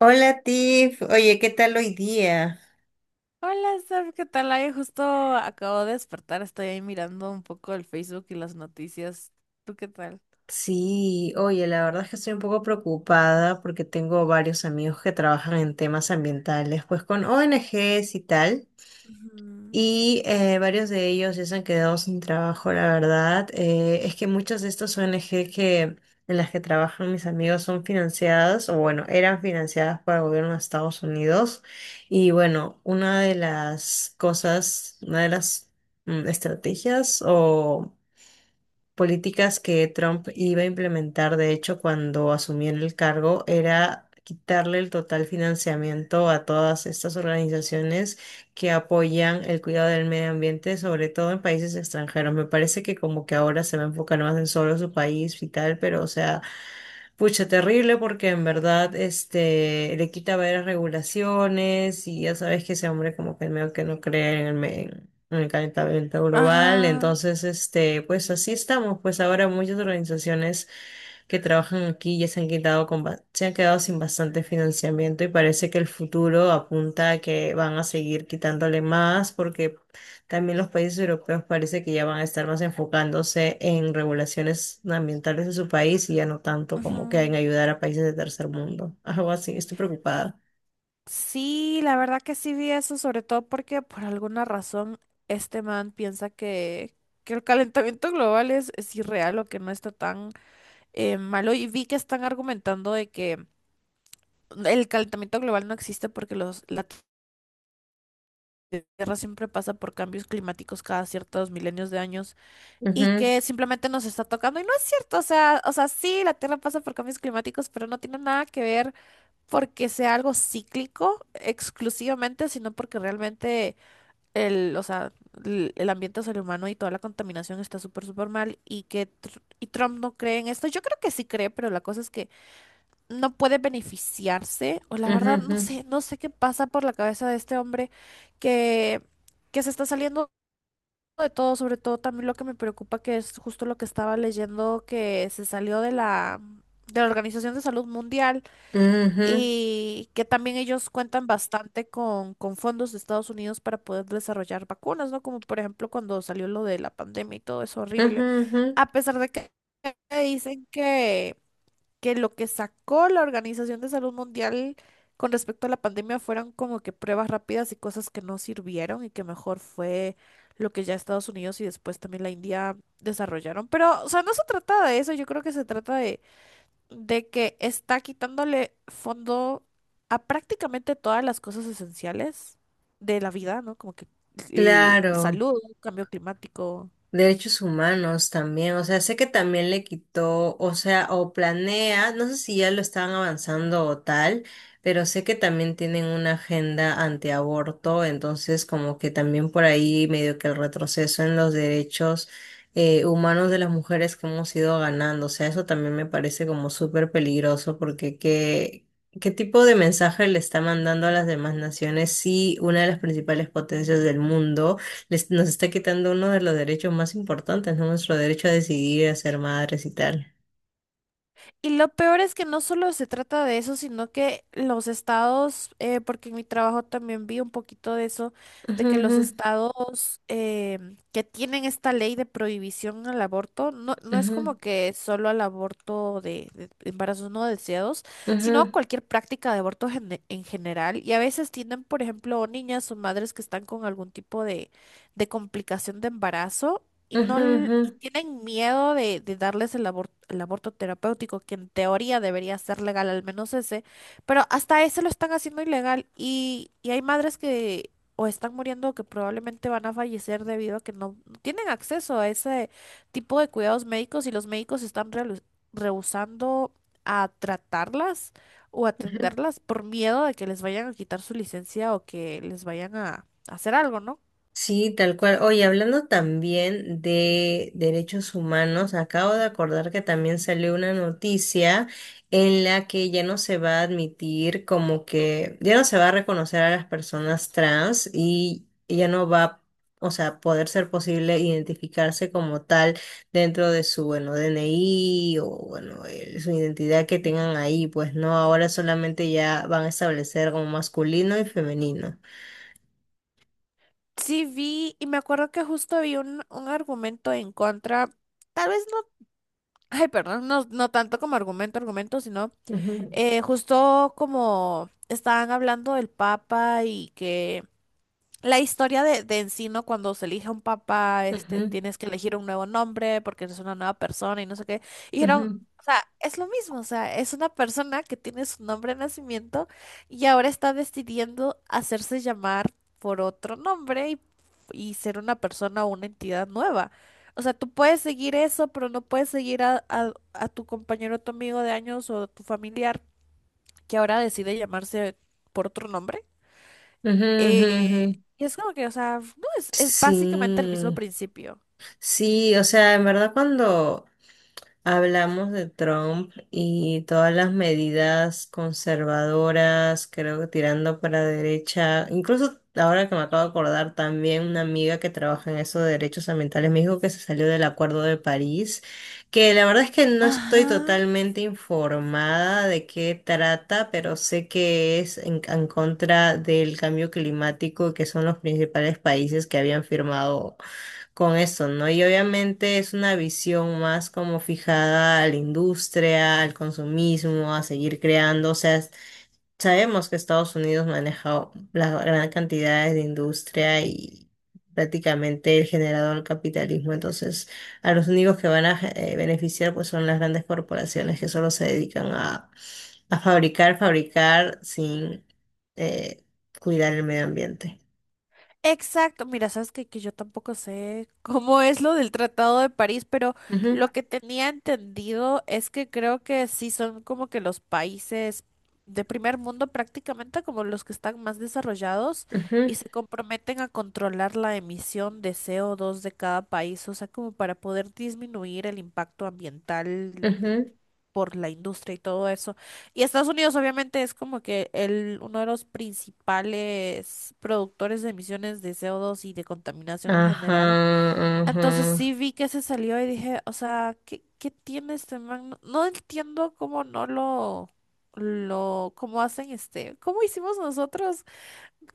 Hola Tiff, oye, ¿qué tal hoy día? Hola, Steph, ¿qué tal? Ay, justo acabo de despertar, estoy ahí mirando un poco el Facebook y las noticias. ¿Tú qué tal? Sí, oye, la verdad es que estoy un poco preocupada porque tengo varios amigos que trabajan en temas ambientales, pues con ONGs y tal, Ujú. y varios de ellos ya se han quedado sin trabajo, la verdad. Es que muchas de estas ONG en las que trabajan mis amigos son financiadas, o bueno, eran financiadas por el gobierno de Estados Unidos, y bueno, una de las cosas, una de las mm, estrategias o políticas que Trump iba a implementar, de hecho, cuando asumió en el cargo, era quitarle el total financiamiento a todas estas organizaciones que apoyan el cuidado del medio ambiente, sobre todo en países extranjeros. Me parece que como que ahora se va a enfocar más en solo su país y tal, pero o sea... Pucha, terrible porque en verdad este le quita varias regulaciones y ya sabes que ese hombre como que medio que no cree en en el calentamiento global. Ajá, Entonces, este, pues así estamos. Pues ahora muchas organizaciones que trabajan aquí ya se han quitado con ba- se han quedado sin bastante financiamiento y parece que el futuro apunta a que van a seguir quitándole más porque también los países europeos parece que ya van a estar más enfocándose en regulaciones ambientales de su país y ya no tanto como que en ujú. ayudar a países de tercer mundo. Algo así, estoy preocupada. Sí, la verdad que sí vi eso, sobre todo porque por alguna razón este man piensa que, el calentamiento global es irreal o que no está tan malo. Y vi que están argumentando de que el calentamiento global no existe porque la Tierra siempre pasa por cambios climáticos cada ciertos milenios de años. Y Ujú, que simplemente nos está tocando. Y no es cierto, o sea, sí, la Tierra pasa por cambios climáticos, pero no tiene nada que ver porque sea algo cíclico exclusivamente, sino porque realmente o sea, el ambiente es el humano y toda la contaminación está súper, súper mal y que Trump no cree en esto. Yo creo que sí cree, pero la cosa es que no puede beneficiarse, o la ujú, verdad, ujú, no sé qué pasa por la cabeza de este hombre que, que se está saliendo de todo, sobre todo también lo que me preocupa, que es justo lo que estaba leyendo, que se salió de la Organización de Salud Mundial ujú, y que también ellos cuentan bastante con fondos de Estados Unidos para poder desarrollar vacunas, ¿no? Como por ejemplo cuando salió lo de la pandemia y todo es horrible. ujú, ujú. A pesar de que dicen que lo que sacó la Organización de Salud Mundial con respecto a la pandemia fueron como que pruebas rápidas y cosas que no sirvieron y que mejor fue lo que ya Estados Unidos y después también la India desarrollaron. Pero, o sea, no se trata de eso, yo creo que se trata de que está quitándole fondo a prácticamente todas las cosas esenciales de la vida, ¿no? Como que Claro. salud, cambio climático. Derechos humanos también, o sea, sé que también le quitó, o sea, o planea, no sé si ya lo están avanzando o tal, pero sé que también tienen una agenda antiaborto, entonces como que también por ahí medio que el retroceso en los derechos humanos de las mujeres que hemos ido ganando, o sea, eso también me parece como súper peligroso porque qué tipo de mensaje le está mandando a las demás naciones si una de las principales potencias del mundo nos está quitando uno de los derechos más importantes, ¿no? Nuestro derecho a decidir, a ser madres y tal. Y lo peor es que no solo se trata de eso, sino que los estados, porque en mi trabajo también vi un poquito de eso, de Ujú, que ujú, los estados que tienen esta ley de prohibición al aborto, no, no es como que solo al aborto de embarazos no deseados, ujú, sino a ujú, cualquier práctica de aborto en general. Y a veces tienen, por ejemplo, niñas o madres que están con algún tipo de complicación de embarazo y no ujú, l- ujú. y tienen miedo de darles el aborto terapéutico, que en teoría debería ser legal, al menos ese, pero hasta ese lo están haciendo ilegal y hay madres que o están muriendo o que probablemente van a fallecer debido a que no, no tienen acceso a ese tipo de cuidados médicos y los médicos están rehusando a tratarlas o atenderlas por miedo de que les vayan a quitar su licencia o que les vayan a hacer algo, ¿no? Sí, tal cual. Oye, hablando también de derechos humanos, acabo de acordar que también salió una noticia en la que ya no se va a admitir como que ya no se va a reconocer a las personas trans y ya no va, o sea, poder ser posible identificarse como tal dentro de su, bueno, DNI o, bueno, su identidad que tengan ahí, pues no, ahora solamente ya van a establecer como masculino y femenino. Sí vi, y me acuerdo que justo vi un argumento en contra, tal vez no, ay, perdón, no, no tanto como argumento, argumento, sino Ujú, justo como estaban hablando del Papa y que la historia de en sí, ¿no? Cuando se elige un papá, este, ujú, tienes que elegir un nuevo nombre porque eres una nueva persona y no sé qué. Y dijeron, ujú. o sea, es lo mismo, o sea, es una persona que tiene su nombre de nacimiento y ahora está decidiendo hacerse llamar por otro nombre y ser una persona o una entidad nueva. O sea, tú puedes seguir eso, pero no puedes seguir a tu compañero, tu amigo de años o tu familiar que ahora decide llamarse por otro nombre. Ujú, ujú, ujú. Y es como que, o sea, no, es básicamente el mismo Sí, principio. sí, o sea, en verdad cuando hablamos de Trump y todas las medidas conservadoras, creo que tirando para derecha. Incluso ahora que me acabo de acordar, también una amiga que trabaja en eso de derechos ambientales me dijo que se salió del Acuerdo de París, que la verdad es que no estoy Ajá. totalmente informada de qué trata, pero sé que es en contra del cambio climático, que son los principales países que habían firmado con eso, ¿no? Y obviamente es una visión más como fijada a la industria, al consumismo, a seguir creando. O sea, es- sabemos que Estados Unidos maneja las gran cantidades de industria y prácticamente el generador del capitalismo. Entonces, a los únicos que van a beneficiar pues son las grandes corporaciones que solo se dedican a, a fabricar, fabricar sin eh, cuidar el medio ambiente. Exacto. Mira, sabes que, yo tampoco sé cómo es lo del Tratado de París, pero Ujú, lo que tenía entendido es que creo que sí son como que los países de primer mundo prácticamente como los que están más desarrollados ujú, y se comprometen a controlar la emisión de CO2 de cada país, o sea, como para poder disminuir el impacto ambiental ujú. por la industria y todo eso. Y Estados Unidos obviamente es como que uno de los principales productores de emisiones de CO2 y de contaminación en general. Ajá, Entonces ajá. sí vi que se salió y dije, o sea, ¿qué tiene este man? No, no entiendo cómo no cómo hacen este, cómo hicimos nosotros.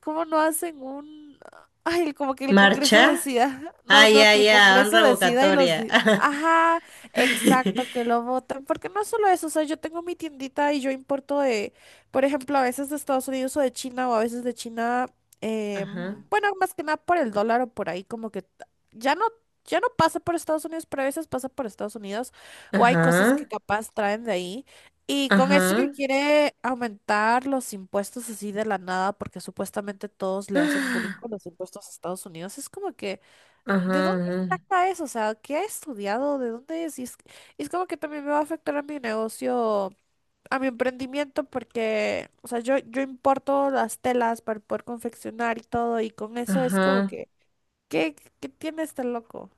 ¿Cómo no hacen un... ay, como que el Congreso ¿Marcha? decida? No, Ah, no, ya, que el ya, un Congreso decida y los... revocatoria. Ajá, exacto, que lo voten. Porque no solo eso, o sea, yo tengo mi tiendita y yo importo de, por ejemplo, a veces de Estados Unidos o de China o a veces de China, Ajá, bueno, más que nada por el dólar o por ahí, como que ya no, ya no pasa por Estados Unidos, pero a veces pasa por Estados Unidos o hay cosas que ajá, capaz traen de ahí. Y con eso que ajá, quiere aumentar los impuestos así de la nada, porque supuestamente todos le hacen bullying con los impuestos a Estados Unidos, es como que, ¿de ajá, dónde ajá, saca eso? O sea, ¿qué ha estudiado? ¿De dónde es? Y es como que también me va a afectar a mi negocio, a mi emprendimiento, porque, o sea, yo importo las telas para poder confeccionar y todo, y con eso es como ajá. que, ¿qué, qué tiene este loco?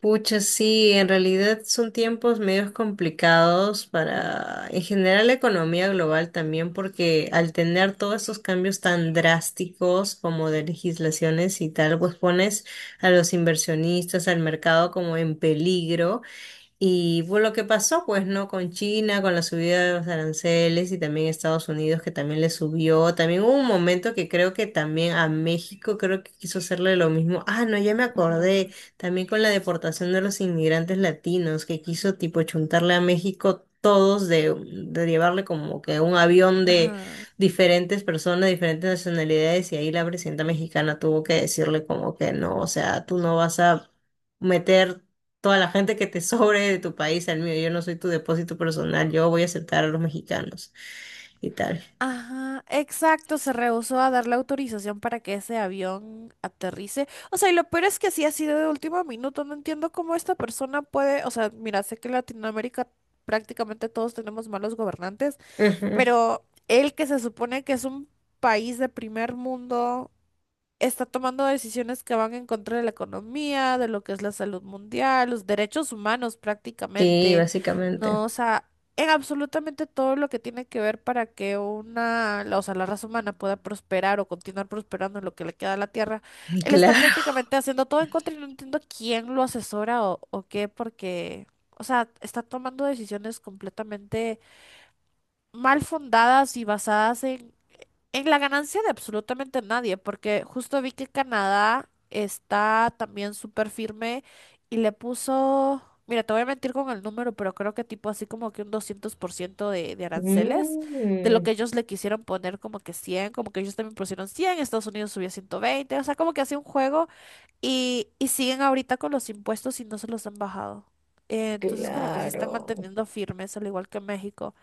Pucha, sí, en realidad son tiempos medios complicados para, en general, la economía global también, porque al tener todos estos cambios tan drásticos como de legislaciones y tal, pues pones a los inversionistas, al mercado como en peligro. Y fue lo que pasó, pues, ¿no? Con China, con la subida de los aranceles y también Estados Unidos que también le subió. También hubo un momento que creo que también a México creo que quiso hacerle lo mismo. Ah, no, ya me acordé. Ajá, También con la deportación de los inmigrantes latinos que quiso tipo chuntarle a México todos de llevarle como que un avión de ajá. diferentes personas, diferentes nacionalidades y ahí la presidenta mexicana tuvo que decirle como que no, o sea, tú no vas a meter toda la gente que te sobre de tu país al mío. Yo no soy tu depósito personal, yo voy a aceptar a los mexicanos y tal. Ajá, exacto, se rehusó a darle autorización para que ese avión aterrice. O sea, y lo peor es que sí ha sido de último minuto. No entiendo cómo esta persona puede, o sea, mira, sé que en Latinoamérica prácticamente todos tenemos malos gobernantes, Ujú. pero él que se supone que es un país de primer mundo, está tomando decisiones que van en contra de la economía, de lo que es la salud mundial, los derechos humanos Sí, prácticamente, básicamente. ¿no? O sea, en absolutamente todo lo que tiene que ver para que o sea, la raza humana pueda prosperar o continuar prosperando en lo que le queda a la Tierra. Él está Claro. prácticamente haciendo todo en contra y no entiendo quién lo asesora o qué, porque... O sea, está tomando decisiones completamente mal fundadas y basadas en la ganancia de absolutamente nadie, porque justo vi que Canadá está también súper firme y le puso, mira, te voy a mentir con el número, pero creo que tipo así como que un 200% de aranceles, de lo Mm, que ellos le quisieron poner como que 100, como que ellos también pusieron 100, Estados Unidos subió 120. O sea, como que hacía un juego y siguen ahorita con los impuestos y no se los han bajado. Entonces como que se están claro. manteniendo firmes, al igual que México.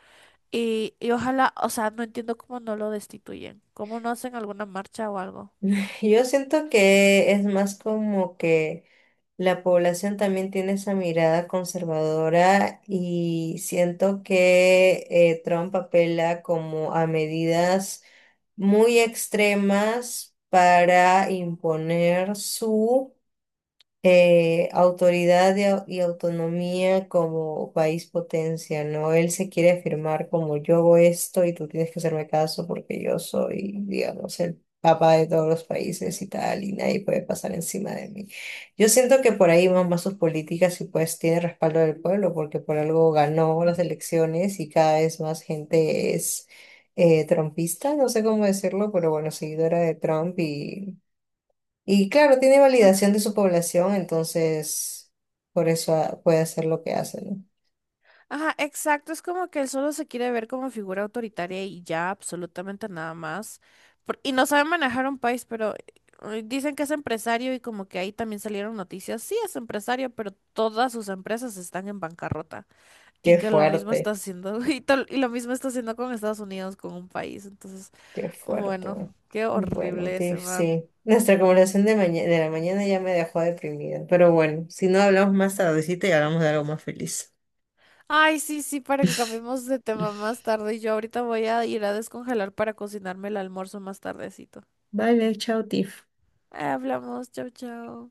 Y ojalá, o sea, no entiendo cómo no lo destituyen, cómo no hacen alguna marcha o algo. Yo siento que es más como que la población también tiene esa mirada conservadora y siento que Trump apela como a medidas muy extremas para imponer su autoridad y, y autonomía como país potencia, ¿no? Él se quiere afirmar como yo hago esto y tú tienes que hacerme caso porque yo soy, digamos, el papá de todos los países y tal, y nadie puede pasar encima de mí. Yo siento que por ahí van más sus políticas y pues tiene respaldo del pueblo porque por algo ganó las elecciones y cada vez más gente es... trumpista, no sé cómo decirlo, pero bueno, seguidora de Trump y claro, tiene validación de su población, entonces por eso puede hacer lo que hace, ¿no? Ajá, exacto, es como que él solo se quiere ver como figura autoritaria y ya, absolutamente nada más. Y no sabe manejar un país, pero dicen que es empresario y como que ahí también salieron noticias. Sí, es empresario, pero todas sus empresas están en bancarrota. Y Qué que lo mismo está fuerte, haciendo, y lo mismo está haciendo con Estados Unidos, con un país. Entonces, qué fuerte. bueno, qué Bueno, horrible ese Tiff, man. sí. Nuestra conversación de de la mañana ya me dejó deprimida, pero bueno, si no hablamos más tardecita y hablamos de algo más feliz. Ay, sí, sí, para que cambiemos de tema más tarde. Yo ahorita voy a ir a descongelar para cocinarme el almuerzo más tardecito. Vale, chao, Tiff. Hablamos, chao, chao.